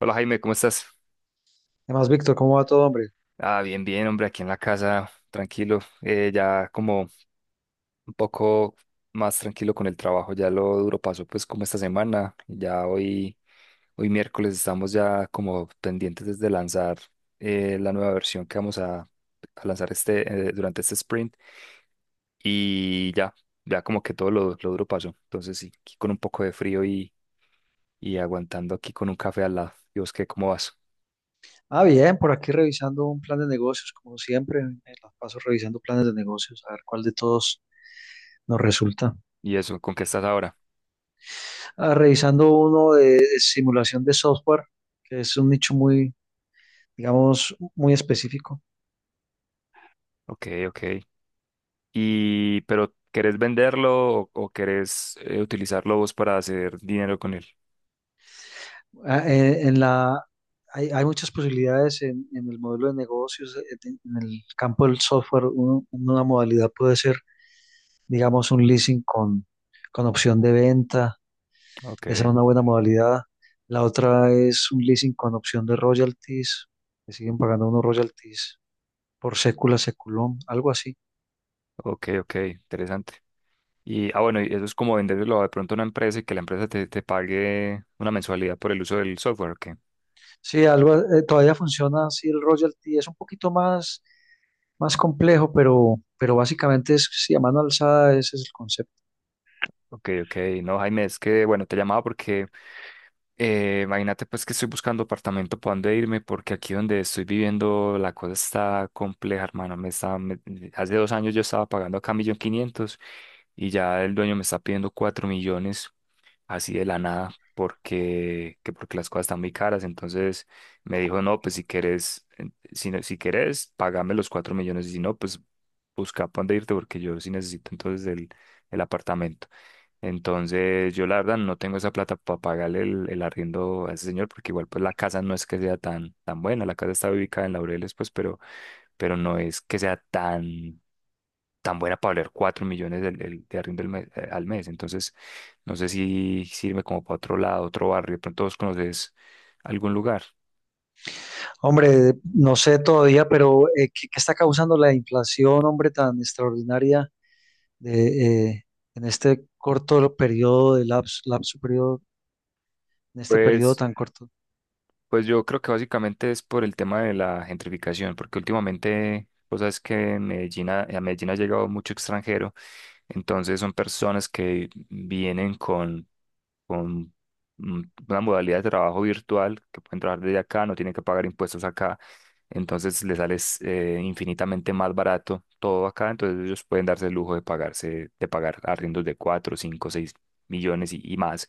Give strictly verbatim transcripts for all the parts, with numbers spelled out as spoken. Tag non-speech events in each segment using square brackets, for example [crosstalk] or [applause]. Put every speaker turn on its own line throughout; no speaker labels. Hola Jaime, ¿cómo estás?
Además, Víctor, ¿cómo va todo, hombre?
Ah, bien, bien, hombre, aquí en la casa, tranquilo, eh, ya como un poco más tranquilo con el trabajo, ya lo duro pasó pues como esta semana, ya hoy, hoy miércoles estamos ya como pendientes de lanzar eh, la nueva versión que vamos a, a lanzar este, eh, durante este sprint y ya, ya como que todo lo, lo duro pasó, entonces sí, aquí con un poco de frío y, y aguantando aquí con un café al lado. ¿Y vos qué, cómo vas?
Ah, bien, por aquí revisando un plan de negocios, como siempre, me la paso revisando planes de negocios, a ver cuál de todos nos resulta.
¿Y eso, con qué estás ahora?
Ah, revisando uno de simulación de software, que es un nicho muy, digamos, muy específico.
Ok, ok. Y pero querés venderlo o, o querés eh, utilizarlo vos para hacer dinero con él.
Ah, eh, en la, hay, hay muchas posibilidades en, en el modelo de negocios, eh, en, en el campo del software, un- una modalidad puede ser, digamos, un leasing con, con opción de venta. Esa es
Ok,
una buena modalidad. La otra es un leasing con opción de royalties, que siguen pagando unos royalties por sécula, seculón, algo así.
ok, ok, interesante. Y, ah, bueno, y eso es como venderlo de pronto a una empresa y que la empresa te, te pague una mensualidad por el uso del software, ok.
Sí, algo, eh, todavía funciona así el royalty, es un poquito más, más, complejo, pero, pero básicamente es sí, a mano alzada, ese es el concepto.
Ok, ok, no, Jaime, es que, bueno, te llamaba porque eh, imagínate pues que estoy buscando apartamento para dónde irme porque aquí donde estoy viviendo la cosa está compleja, hermano. Me está, me- hace dos años yo estaba pagando acá un millón quinientos, y ya el dueño me está pidiendo cuatro millones así de la nada porque, que porque las cosas están muy caras. Entonces me dijo, no, pues si quieres, eh, si, no- si quieres, págame los cuatro millones y si no, pues busca para dónde irte porque yo sí necesito entonces el, el apartamento. Entonces yo la verdad no tengo esa plata para pagarle el, el arriendo a ese señor porque igual pues la casa no es que sea tan, tan buena, la casa está ubicada en Laureles pues, pero, pero no es que sea tan tan buena para valer cuatro millones del- del- de, arriendo al mes, eh, al mes. Entonces, no sé si sirve como para otro lado, otro barrio. De pronto vos conoces algún lugar.
Hombre, no sé todavía, pero eh, ¿qué, qué está causando la inflación, hombre, tan extraordinaria de, eh, en este corto periodo de lapso, lapso periodo, en este periodo
Pues,
tan corto?
pues yo creo que básicamente es por el tema de la gentrificación, porque últimamente, vos sabes que en Medellín, ha- a Medellín ha llegado mucho extranjero, entonces son personas que vienen con con mm, una modalidad de trabajo virtual que pueden trabajar desde acá, no tienen que pagar impuestos acá, entonces les sale eh, infinitamente más barato todo acá, entonces ellos pueden darse el lujo de pagarse, de pagar arriendos de cuatro cinco seis millones y, y más.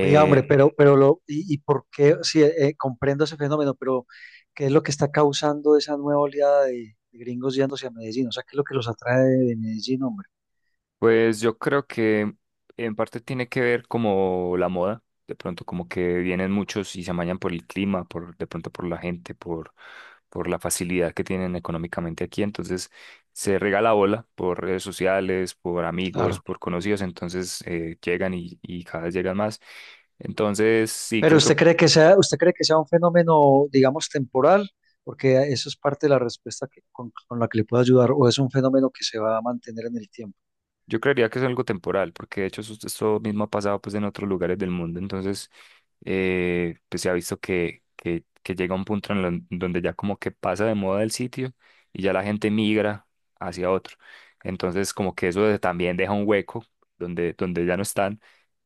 Oiga, hombre, pero, pero lo, y, y por qué, sí, eh, comprendo ese fenómeno, pero ¿qué es lo que está causando esa nueva oleada de, de gringos yéndose a Medellín? O sea, ¿qué es lo que los atrae de de Medellín, hombre?
Pues yo creo que en parte tiene que ver como la moda, de pronto como que vienen muchos y se amañan por el clima, por de pronto por la gente, por por la facilidad que tienen económicamente aquí, entonces se regala bola por redes sociales, por amigos,
Claro.
por conocidos, entonces eh, llegan y, y cada vez llegan más. Entonces, sí,
Pero
creo que
usted cree que sea, usted cree que sea un fenómeno, digamos, temporal, porque eso es parte de la respuesta que- con, con la que le puedo ayudar, o es un fenómeno que se va a mantener en el tiempo.
yo creería que es algo temporal, porque de hecho eso- esto mismo ha pasado pues en otros lugares del mundo, entonces eh, pues se ha visto que, que, que llega un punto en lo- donde ya como que pasa de moda el sitio y ya la gente migra hacia otro. Entonces como que eso de- también deja un hueco donde, donde ya no están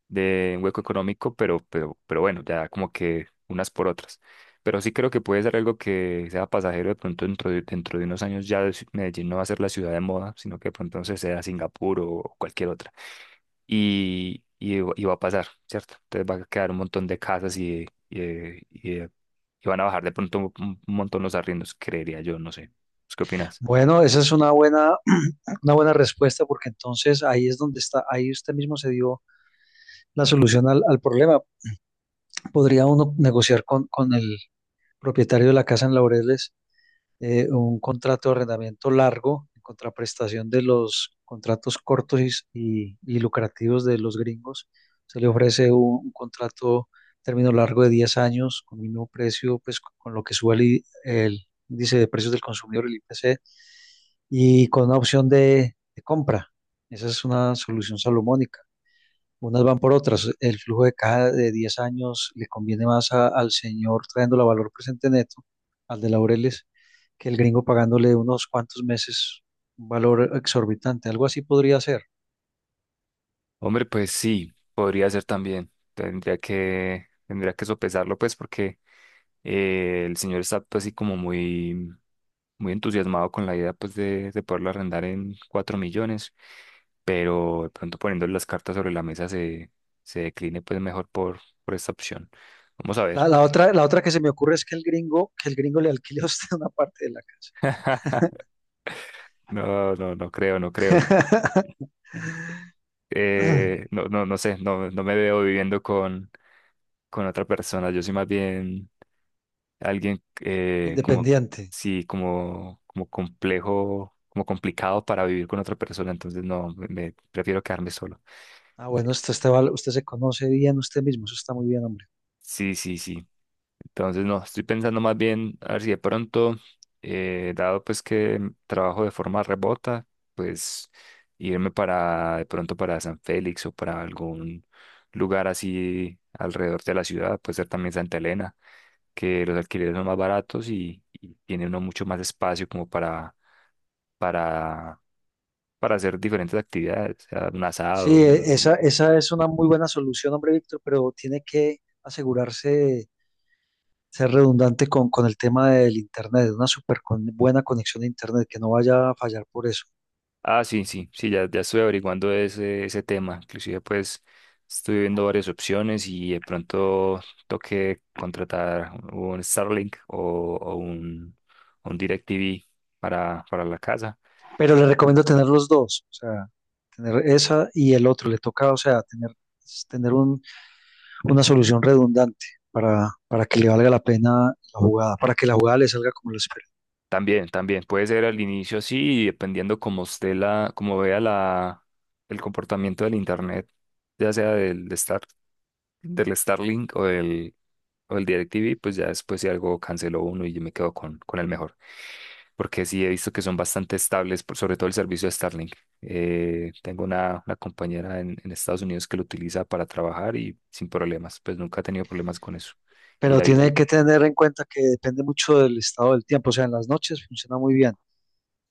de un hueco económico, pero, pero, pero bueno, ya como que unas por otras. Pero sí creo que puede ser algo que sea pasajero de pronto dentro de, dentro de unos años ya es- Medellín no va a ser la ciudad de moda, sino que de pronto se sea Singapur o cualquier otra. Y, y, va y va a pasar, ¿cierto? Entonces va a quedar un montón de casas y, de- y, de- y, de- y van a bajar de pronto un, un montón los arriendos, creería yo, no sé. ¿Pues qué opinas?
Bueno, esa es una buena, [clears throat] una buena respuesta, porque entonces ahí es donde está, ahí usted mismo se dio la solución al, al problema. Podría uno negociar con, con el propietario de la casa en Laureles, eh, un contrato de arrendamiento largo en contraprestación de los contratos cortos y, y- y lucrativos de los gringos. Se le ofrece un, un contrato término largo de diez años con mínimo precio, pues con, con lo que sube el, i- el índice de precios del consumidor, el I P C, y con una opción de de compra. Esa es una solución salomónica. Unas van por otras. El flujo de caja de diez años le conviene más a- al señor trayéndolo a valor presente neto, al de Laureles, que el gringo pagándole unos cuantos meses un valor exorbitante. Algo así podría ser.
Hombre, pues sí, podría ser también. Tendría que, tendría que sopesarlo, pues, porque Eh, el señor está pues, así como muy, muy entusiasmado con la idea pues de, de poderlo arrendar en cuatro millones, pero de pronto poniendo las cartas sobre la mesa se, se decline pues mejor por, por esta opción. Vamos a ver.
La, la otra, la otra que se me ocurre es que el gringo, que el gringo le alquile a usted [laughs] una parte de la casa.
[laughs] No, no, no creo, no creo.
[clears throat]
Eh,
[laughs]
no, no, no sé, no, no me veo viviendo con, con otra persona. Yo soy más bien alguien eh, como,
Independiente.
sí, como, como complejo, como complicado para vivir con otra persona, entonces no, me, me- prefiero quedarme solo.
Ah, bueno, usted, está val- usted se conoce bien usted mismo, eso está muy bien, hombre.
Sí, sí, sí. Entonces, no, estoy pensando más bien a ver si de pronto, eh, dado pues que trabajo de forma remota, pues irme para de pronto para San Félix o para algún lugar así alrededor de la ciudad, puede ser también Santa Elena, que los alquileres son más baratos y, y tiene uno mucho más espacio como para, para, para hacer diferentes actividades, o sea, un
Sí,
asado.
e- esa, esa es una muy buena solución, hombre, Víctor, pero tiene que asegurarse ser redundante con, con el tema del internet, una súper con- buena conexión a internet, que no vaya a fallar por eso.
Ah, sí, sí, sí, ya, ya estoy averiguando ese, ese tema. Inclusive, pues, estoy viendo varias opciones y de pronto toque contratar un Starlink o, o un, un DirecTV para, para la casa.
Pero le recomiendo tener los dos, o sea, tener esa y el otro, le toca, o sea, tener, tener un- una solución redundante para, para que le valga la pena la jugada, para que la jugada le salga como lo espera.
También, también, puede ser al inicio así, y dependiendo cómo esté la, cómo vea la, el comportamiento del internet, ya sea del de del Starlink o del, o del DirecTV, pues ya después si algo canceló uno y yo me quedo con, con el mejor. Porque sí he visto que son bastante estables, por- sobre todo el servicio de Starlink. Eh, tengo una, una compañera en, en Estados Unidos que lo utiliza para trabajar y sin problemas, pues nunca ha tenido problemas con eso. Y,
Pero
ahí-
tiene
y-
que tener en cuenta que depende mucho del estado del tiempo, o sea, en las noches funciona muy bien.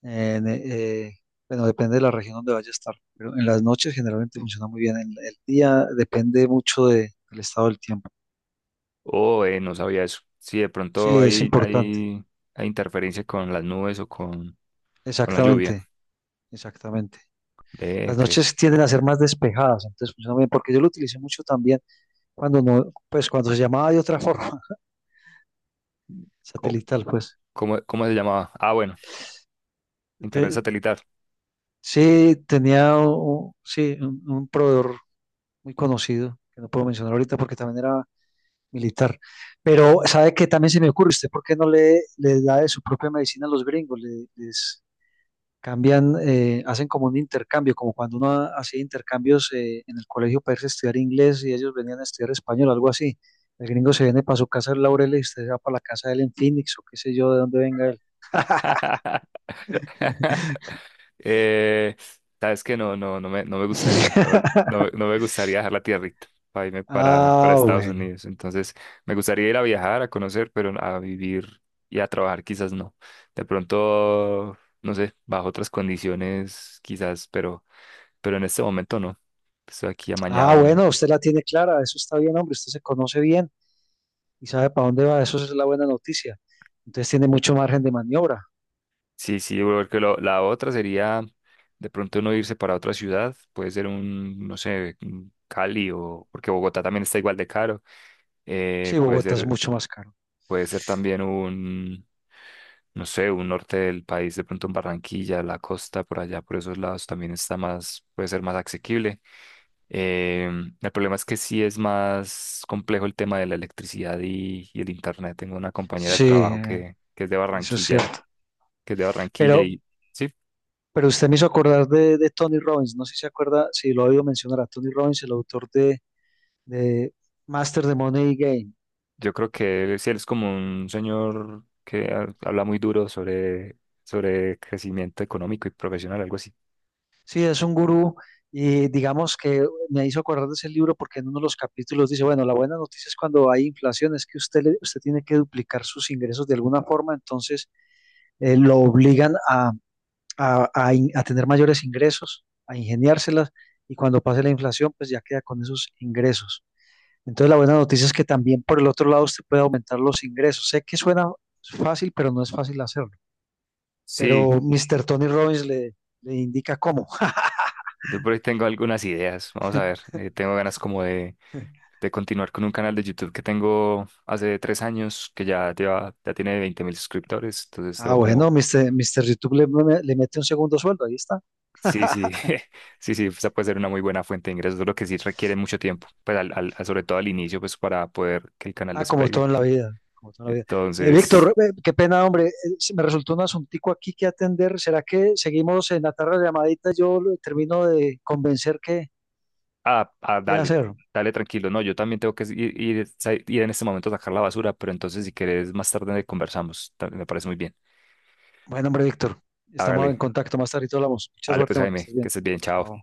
En, eh, bueno, depende de la región donde vaya a estar, pero en las noches generalmente funciona muy bien. En el día depende mucho de- del estado del tiempo.
oh, eh, no sabía eso. Sí, de
Sí,
pronto
es
hay,
importante.
hay, hay interferencia con las nubes o con, con la lluvia.
Exactamente, exactamente.
Eh,
Las
ok.
noches tienden a ser más despejadas, entonces funciona muy bien, porque yo lo utilicé mucho también cuando no, pues cuando se llamaba de otra forma, [laughs]
Co-
satelital, pues.
¿Cómo, cómo se llamaba? Ah, bueno, internet
Te-
satelital.
sí, tenía un, sí, un, un proveedor muy conocido, que no puedo mencionar ahorita porque también era militar. Pero, ¿sabe qué? También se me ocurre, ¿usted por qué no le, le da de su propia medicina a los gringos? Le- les cambian, eh, hacen como un intercambio, como cuando uno ha- hacía intercambios eh, en el colegio para irse a estudiar inglés y ellos venían a estudiar español, algo así. El gringo se viene para su casa en Laurel y usted se va para la casa de él en Phoenix o qué sé yo, de dónde venga él.
[laughs] Eh, sabes que no, no, no me, no me gustaría, no me, no me-
[laughs]
no me gustaría dejar la tierrita para irme para, para
Ah,
Estados
bueno.
Unidos. Entonces, me gustaría ir a viajar, a conocer, pero a vivir y a trabajar quizás no. De pronto, no sé, bajo otras condiciones quizás, pero, pero en este momento no. Estoy aquí amañado.
Ah, bueno, usted la tiene clara, eso está bien, hombre, usted se conoce bien y sabe para dónde va, eso es la buena noticia. Entonces tiene mucho margen de maniobra.
Sí, sí, porque lo- la otra sería de pronto uno irse para otra ciudad, puede ser un, no sé, un Cali o, porque Bogotá también está igual de caro, eh,
Sí,
puede
Bogotá es
ser,
mucho más caro.
puede ser también un, no sé, un norte del país, de pronto en Barranquilla, la costa, por allá, por esos lados también está más, puede ser más asequible. Em, el problema es que sí es más complejo el tema de la electricidad y, y el internet. Tengo una compañera de
Sí,
trabajo
eh,
que, que es de
eso es
Barranquilla y
cierto.
que es de Barranquilla
Pero,
y sí.
pero usted me hizo acordar de, de Tony Robbins. No sé si se acuerda, si lo ha oído mencionar a Tony Robbins, el autor de, de Master the Money Game.
Yo creo que él, sí, él es como un señor que ha- habla muy duro sobre, sobre crecimiento económico y profesional, algo así.
Sí, es un gurú y digamos que me hizo acordar de ese libro porque en uno de los capítulos dice, bueno, la buena noticia es cuando hay inflación, es que usted, le- usted tiene que duplicar sus ingresos de alguna forma, entonces eh, lo obligan a a, a in- a tener mayores ingresos, a ingeniárselas y cuando pase la inflación, pues ya queda con esos ingresos. Entonces la buena noticia es que también por el otro lado usted puede aumentar los ingresos. Sé que suena fácil, pero no es fácil hacerlo.
Sí,
Pero mister Tony Robbins le, le indica cómo.
yo por ahí tengo algunas ideas. Vamos a ver,
[laughs]
eh, tengo ganas como de, de continuar con un canal de YouTube que tengo hace tres años, que ya, lleva, ya tiene veinte mil suscriptores. Entonces
Ah,
tengo
bueno,
como,
mister mister YouTube le, le mete un segundo sueldo, ahí está.
sí,
[laughs]
sí, [laughs] sí, sí, esa puede ser una muy buena fuente de ingresos, lo que sí requiere mucho tiempo, pues al, al- sobre todo al inicio, pues para poder que el canal
Ah, como todo
despegue.
en la vida, como todo en la vida. Eh,
Entonces.
Víctor, eh, qué pena, hombre, eh, se me resultó un asuntico aquí que atender. ¿Será que seguimos en la tarde de llamadita? Yo lo- termino de convencer que
Ah, ah,
qué
dale,
hacer.
dale tranquilo. No, yo también tengo que ir, ir, sa- ir en este momento a sacar la basura, pero entonces si quieres más tarde conversamos. ta- Me parece muy bien.
Bueno, hombre, Víctor, estamos
Hágale,
en contacto más tarde y hablamos. Mucha
hágale pues
suerte, hombre, que
Jaime,
estés
que
bien.
estés bien, chao.
Chao.